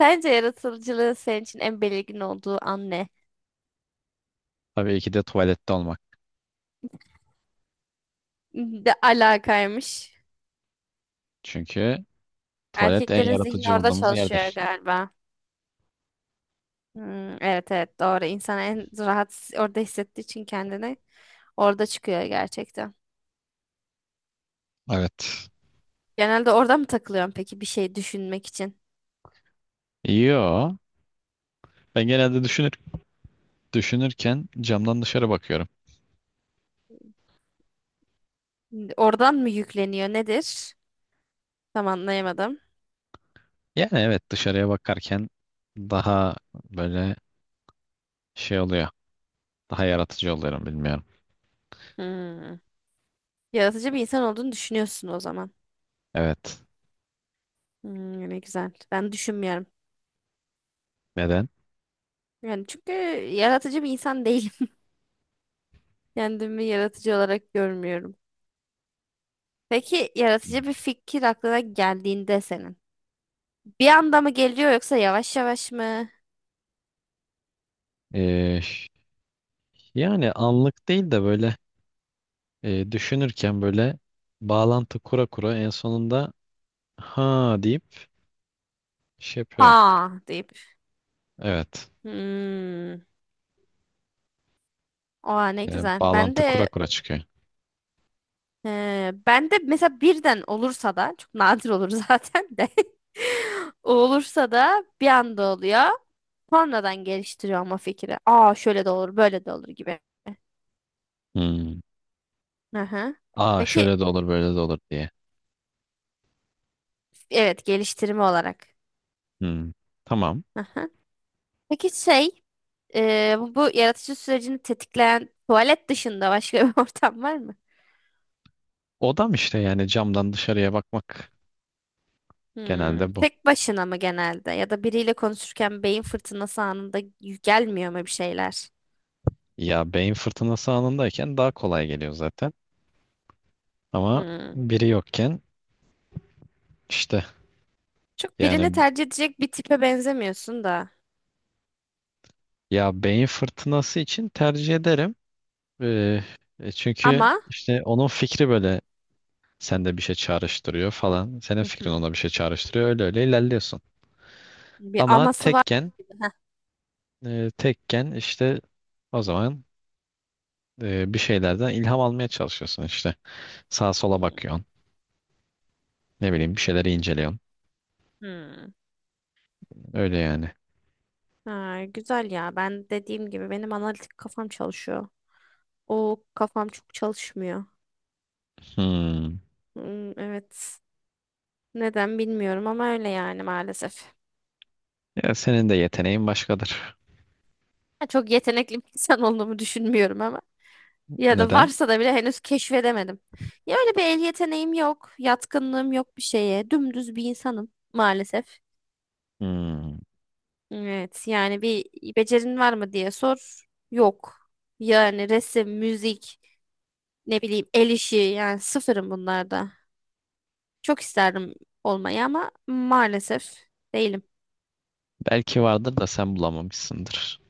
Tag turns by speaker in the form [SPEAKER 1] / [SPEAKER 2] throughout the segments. [SPEAKER 1] Sence yaratıcılığın senin için en belirgin olduğu an ne?
[SPEAKER 2] Tabii ki de tuvalette olmak.
[SPEAKER 1] De alakaymış.
[SPEAKER 2] Çünkü tuvalet en
[SPEAKER 1] Erkeklerin zihni
[SPEAKER 2] yaratıcı
[SPEAKER 1] orada
[SPEAKER 2] olduğumuz
[SPEAKER 1] çalışıyor
[SPEAKER 2] yerdir.
[SPEAKER 1] galiba. Hmm, evet evet doğru. İnsan en rahat orada hissettiği için kendini orada çıkıyor gerçekten.
[SPEAKER 2] Evet.
[SPEAKER 1] Genelde orada mı takılıyorsun peki bir şey düşünmek için?
[SPEAKER 2] Yo. Ben genelde düşünürken camdan dışarı bakıyorum.
[SPEAKER 1] Oradan mı yükleniyor nedir? Tam anlayamadım.
[SPEAKER 2] Yani evet dışarıya bakarken daha böyle şey oluyor. Daha yaratıcı oluyorum bilmiyorum.
[SPEAKER 1] Hmm. Yaratıcı bir insan olduğunu düşünüyorsun o zaman.
[SPEAKER 2] Evet.
[SPEAKER 1] Hmm, ne güzel. Ben düşünmüyorum.
[SPEAKER 2] Neden?
[SPEAKER 1] Yani çünkü yaratıcı bir insan değilim. Kendimi yaratıcı olarak görmüyorum. Peki yaratıcı bir fikir aklına geldiğinde senin. Bir anda mı geliyor yoksa yavaş yavaş mı?
[SPEAKER 2] Ee, yani anlık değil de böyle düşünürken böyle bağlantı kura kura en sonunda ha deyip şey yapıyorum.
[SPEAKER 1] Ha deyip.
[SPEAKER 2] Evet.
[SPEAKER 1] Hmm. Oha ne
[SPEAKER 2] Yani
[SPEAKER 1] güzel. Ben
[SPEAKER 2] bağlantı kura
[SPEAKER 1] de
[SPEAKER 2] kura çıkıyor.
[SPEAKER 1] ben de mesela birden olursa da çok nadir olur zaten de. Olursa da bir anda oluyor. Sonradan geliştiriyorum o fikri. Aa şöyle de olur, böyle de olur gibi.
[SPEAKER 2] Hmm.
[SPEAKER 1] Hı hı.
[SPEAKER 2] Aa
[SPEAKER 1] Peki
[SPEAKER 2] şöyle de olur böyle de olur diye.
[SPEAKER 1] evet geliştirme olarak.
[SPEAKER 2] Hmm, tamam.
[SPEAKER 1] Hı hı. Peki şey. Bu yaratıcı sürecini tetikleyen tuvalet dışında başka bir ortam var mı?
[SPEAKER 2] Odam işte yani camdan dışarıya bakmak
[SPEAKER 1] Hmm,
[SPEAKER 2] genelde bu.
[SPEAKER 1] tek başına mı genelde? Ya da biriyle konuşurken beyin fırtınası anında gelmiyor mu bir şeyler?
[SPEAKER 2] Ya beyin fırtınası anındayken daha kolay geliyor zaten. Ama
[SPEAKER 1] Hmm.
[SPEAKER 2] biri yokken işte
[SPEAKER 1] Çok birini
[SPEAKER 2] yani
[SPEAKER 1] tercih edecek bir tipe benzemiyorsun da.
[SPEAKER 2] ya beyin fırtınası için tercih ederim. Ee, çünkü
[SPEAKER 1] Ama
[SPEAKER 2] işte onun fikri böyle sende bir şey çağrıştırıyor falan. Senin
[SPEAKER 1] hı
[SPEAKER 2] fikrin
[SPEAKER 1] hı,
[SPEAKER 2] ona bir şey çağrıştırıyor. Öyle öyle ilerliyorsun.
[SPEAKER 1] bir
[SPEAKER 2] Ama
[SPEAKER 1] aması var.
[SPEAKER 2] tekken
[SPEAKER 1] Gibi. Heh.
[SPEAKER 2] e, tekken işte o zaman bir şeylerden ilham almaya çalışıyorsun işte. Sağa sola
[SPEAKER 1] Hmm.
[SPEAKER 2] bakıyorsun. Ne bileyim bir şeyleri inceliyorsun.
[SPEAKER 1] Hmm.
[SPEAKER 2] Öyle yani.
[SPEAKER 1] Ha, güzel ya. Ben dediğim gibi benim analitik kafam çalışıyor. O kafam çok çalışmıyor.
[SPEAKER 2] Hmm.
[SPEAKER 1] Hmm, evet. Neden bilmiyorum ama öyle yani maalesef.
[SPEAKER 2] Ya senin de yeteneğin başkadır.
[SPEAKER 1] Çok yetenekli bir insan olduğumu düşünmüyorum ama. Ya da
[SPEAKER 2] Neden?
[SPEAKER 1] varsa da bile henüz keşfedemedim. Ya öyle bir el yeteneğim yok, yatkınlığım yok bir şeye. Dümdüz bir insanım maalesef.
[SPEAKER 2] Hmm.
[SPEAKER 1] Evet, yani bir becerin var mı diye sor. Yok. Yani resim, müzik, ne bileyim el işi yani sıfırım bunlarda. Çok isterdim olmayı ama maalesef değilim.
[SPEAKER 2] Belki vardır da sen bulamamışsındır.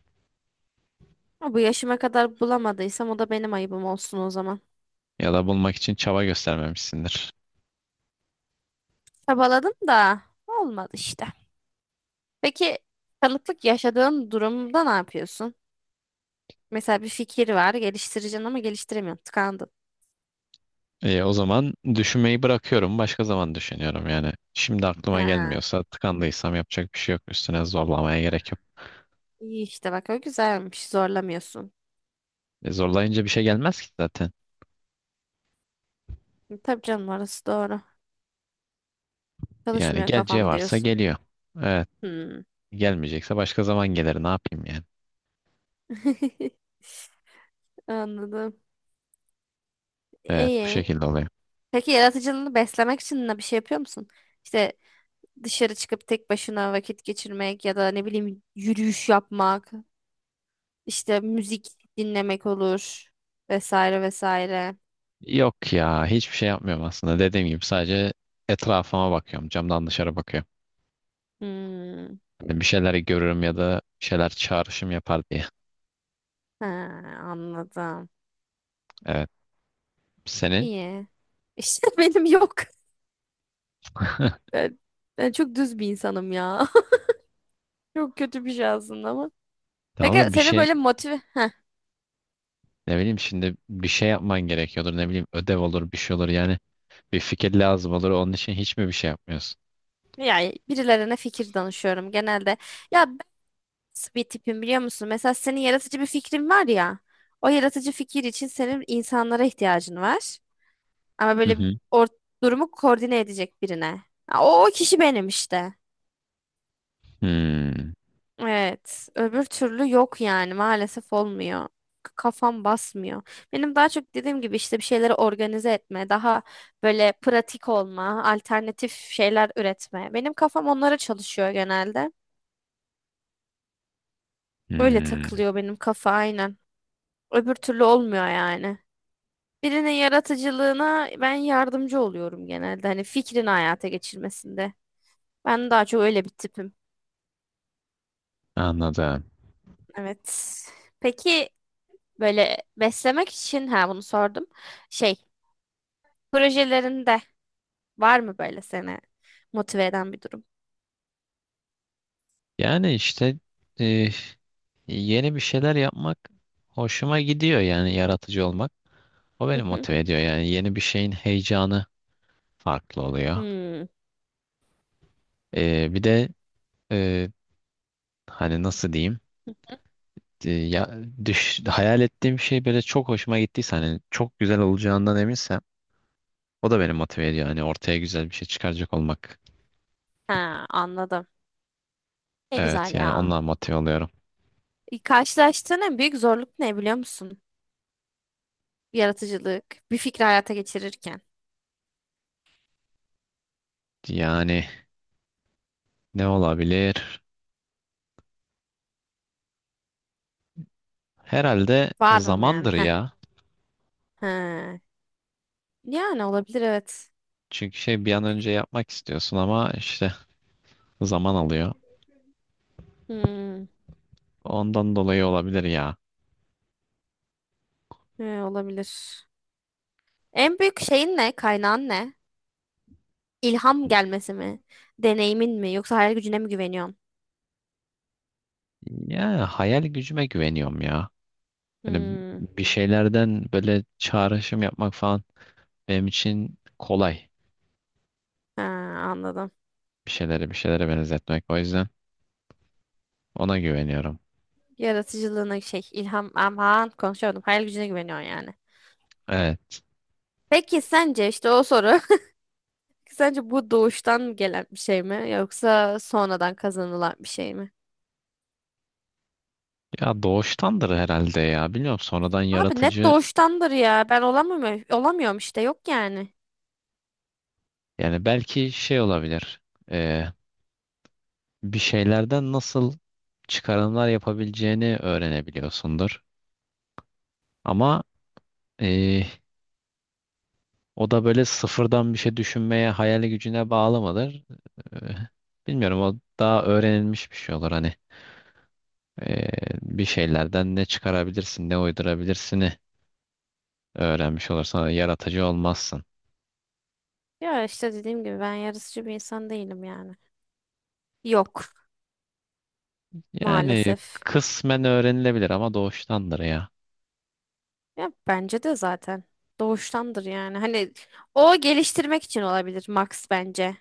[SPEAKER 1] Ama bu yaşıma kadar bulamadıysam o da benim ayıbım olsun o zaman.
[SPEAKER 2] Ya da bulmak için çaba göstermemişsindir.
[SPEAKER 1] Çabaladım da olmadı işte. Peki tanıklık yaşadığın durumda ne yapıyorsun? Mesela bir fikir var, geliştireceksin ama geliştiremiyorsun, tıkandın.
[SPEAKER 2] E, o zaman düşünmeyi bırakıyorum. Başka zaman düşünüyorum yani. Şimdi aklıma
[SPEAKER 1] Ha,
[SPEAKER 2] gelmiyorsa tıkandıysam yapacak bir şey yok. Üstüne zorlamaya gerek yok.
[SPEAKER 1] iyi işte bak o güzelmiş, zorlamıyorsun.
[SPEAKER 2] E, zorlayınca bir şey gelmez ki zaten.
[SPEAKER 1] Tabii canım orası doğru.
[SPEAKER 2] Yani
[SPEAKER 1] Çalışmıyor
[SPEAKER 2] geleceği
[SPEAKER 1] kafam
[SPEAKER 2] varsa
[SPEAKER 1] diyorsun.
[SPEAKER 2] geliyor. Evet.
[SPEAKER 1] Hmm.
[SPEAKER 2] Gelmeyecekse başka zaman gelir. Ne yapayım yani?
[SPEAKER 1] Anladım.
[SPEAKER 2] Evet, bu
[SPEAKER 1] İyi.
[SPEAKER 2] şekilde oluyor.
[SPEAKER 1] Peki yaratıcılığını beslemek için ne bir şey yapıyor musun? İşte dışarı çıkıp tek başına vakit geçirmek ya da ne bileyim yürüyüş yapmak, işte müzik dinlemek olur vesaire vesaire.
[SPEAKER 2] Yok ya hiçbir şey yapmıyorum aslında. Dediğim gibi sadece etrafıma bakıyorum. Camdan dışarı bakıyorum.
[SPEAKER 1] Hmm.
[SPEAKER 2] Hani bir şeyler görürüm ya da bir şeyler çağrışım yapar diye.
[SPEAKER 1] Ha, anladım.
[SPEAKER 2] Evet. Senin?
[SPEAKER 1] İyi. İşte benim yok. Ben, ben çok düz bir insanım ya. Çok kötü bir şey aslında ama.
[SPEAKER 2] Tamam
[SPEAKER 1] Peki
[SPEAKER 2] da bir
[SPEAKER 1] seni
[SPEAKER 2] şey
[SPEAKER 1] böyle motive...
[SPEAKER 2] ne bileyim şimdi bir şey yapman gerekiyordur. Ne bileyim ödev olur bir şey olur. Yani bir fikir lazım olur. Onun için hiç mi bir şey yapmıyorsun?
[SPEAKER 1] Yani birilerine fikir danışıyorum genelde. Ya ben nasıl bir tipim biliyor musun? Mesela senin yaratıcı bir fikrin var ya. O yaratıcı fikir için senin insanlara ihtiyacın var. Ama
[SPEAKER 2] Hı
[SPEAKER 1] böyle
[SPEAKER 2] hı.
[SPEAKER 1] or durumu koordine edecek birine. Ha, o kişi benim işte.
[SPEAKER 2] Hmm,
[SPEAKER 1] Evet, öbür türlü yok yani maalesef olmuyor. K- kafam basmıyor. Benim daha çok dediğim gibi işte bir şeyleri organize etme, daha böyle pratik olma, alternatif şeyler üretme. Benim kafam onlara çalışıyor genelde. Öyle
[SPEAKER 2] hmm,
[SPEAKER 1] takılıyor benim kafa aynen. Öbür türlü olmuyor yani. Birinin yaratıcılığına ben yardımcı oluyorum genelde. Hani fikrini hayata geçirmesinde. Ben daha çok öyle bir tipim.
[SPEAKER 2] anladım.
[SPEAKER 1] Evet. Peki böyle beslemek için ha bunu sordum. Şey, projelerinde var mı böyle seni motive eden bir durum?
[SPEAKER 2] Yani işte eh, yeni bir şeyler yapmak hoşuma gidiyor yani yaratıcı olmak. O
[SPEAKER 1] Hı
[SPEAKER 2] beni
[SPEAKER 1] hı.
[SPEAKER 2] motive ediyor yani yeni bir şeyin heyecanı farklı oluyor.
[SPEAKER 1] Hmm.
[SPEAKER 2] Bir de e, hani nasıl diyeyim. Ya hayal ettiğim şey böyle çok hoşuma gittiyse hani çok güzel olacağından eminsem o da beni motive ediyor. Hani ortaya güzel bir şey çıkaracak olmak.
[SPEAKER 1] Ha, anladım. Ne
[SPEAKER 2] Evet
[SPEAKER 1] güzel
[SPEAKER 2] yani
[SPEAKER 1] ya.
[SPEAKER 2] ondan motive oluyorum.
[SPEAKER 1] Karşılaştığın en büyük zorluk ne biliyor musun? Yaratıcılık, bir fikri hayata geçirirken.
[SPEAKER 2] Yani ne olabilir? Herhalde
[SPEAKER 1] Var mı yani?
[SPEAKER 2] zamandır
[SPEAKER 1] Heh.
[SPEAKER 2] ya.
[SPEAKER 1] He. Yani olabilir evet.
[SPEAKER 2] Çünkü şey bir an önce yapmak istiyorsun ama işte zaman alıyor.
[SPEAKER 1] Hmm.
[SPEAKER 2] Ondan dolayı olabilir ya.
[SPEAKER 1] He, olabilir. En büyük şeyin ne? Kaynağın ne? İlham gelmesi mi? Deneyimin mi? Yoksa hayal gücüne mi güveniyorsun?
[SPEAKER 2] Ya hayal gücüme güveniyorum ya. Yani
[SPEAKER 1] Hmm.
[SPEAKER 2] bir şeylerden böyle çağrışım yapmak falan benim için kolay.
[SPEAKER 1] Ha, anladım.
[SPEAKER 2] Bir şeylere benzetmek. O yüzden ona güveniyorum.
[SPEAKER 1] Yaratıcılığına şey ilham aman konuşamadım. Hayal gücüne güveniyorsun yani.
[SPEAKER 2] Evet.
[SPEAKER 1] Peki sence işte o soru. Sence bu doğuştan gelen bir şey mi yoksa sonradan kazanılan bir şey mi?
[SPEAKER 2] Ya doğuştandır herhalde ya. Bilmiyorum sonradan
[SPEAKER 1] Abi net
[SPEAKER 2] yaratıcı
[SPEAKER 1] doğuştandır ya. Ben olamıyorum, işte yok yani.
[SPEAKER 2] yani belki şey olabilir. Ee, bir şeylerden nasıl çıkarımlar yapabileceğini öğrenebiliyorsundur. Ama ee, o da böyle sıfırdan bir şey düşünmeye hayal gücüne bağlı mıdır? Ee, bilmiyorum o daha öğrenilmiş bir şey olur hani. Ee, bir şeylerden ne çıkarabilirsin, ne uydurabilirsini öğrenmiş olursan yaratıcı olmazsın.
[SPEAKER 1] Ya işte dediğim gibi ben yarısıcı bir insan değilim yani. Yok
[SPEAKER 2] Yani
[SPEAKER 1] maalesef.
[SPEAKER 2] kısmen öğrenilebilir ama doğuştandır ya.
[SPEAKER 1] Ya bence de zaten doğuştandır yani. Hani o geliştirmek için olabilir Max bence.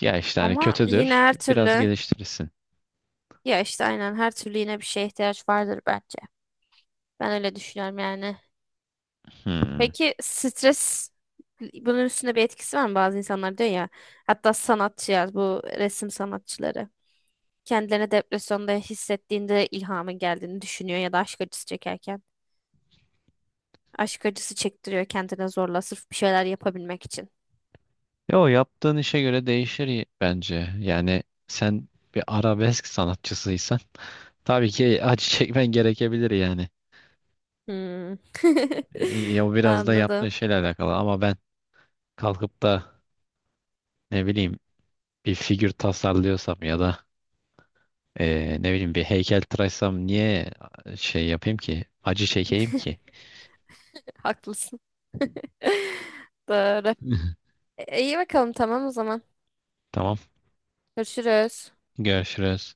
[SPEAKER 2] Ya işte hani
[SPEAKER 1] Ama yine
[SPEAKER 2] kötüdür,
[SPEAKER 1] her
[SPEAKER 2] biraz
[SPEAKER 1] türlü.
[SPEAKER 2] geliştirirsin.
[SPEAKER 1] Ya işte aynen her türlü yine bir şeye ihtiyaç vardır bence. Ben öyle düşünüyorum yani.
[SPEAKER 2] Hmm.
[SPEAKER 1] Peki stres bunun üstünde bir etkisi var mı? Bazı insanlar diyor ya, hatta sanatçılar, bu resim sanatçıları kendilerini depresyonda hissettiğinde ilhamın geldiğini düşünüyor ya da aşk acısı çekerken. Aşk acısı çektiriyor kendine zorla sırf bir şeyler yapabilmek için.
[SPEAKER 2] Yo yaptığın işe göre değişir bence. Yani sen bir arabesk sanatçısıysan tabii ki acı çekmen gerekebilir yani.
[SPEAKER 1] Hmm.
[SPEAKER 2] Ya o biraz da yaptığın
[SPEAKER 1] Anladım.
[SPEAKER 2] şeyle alakalı ama ben kalkıp da ne bileyim bir figür tasarlıyorsam ya da ne bileyim bir heykel tıraşsam niye şey yapayım ki? Acı çekeyim ki.
[SPEAKER 1] Haklısın. Doğru. İyi bakalım tamam o zaman.
[SPEAKER 2] Tamam.
[SPEAKER 1] Görüşürüz.
[SPEAKER 2] Görüşürüz.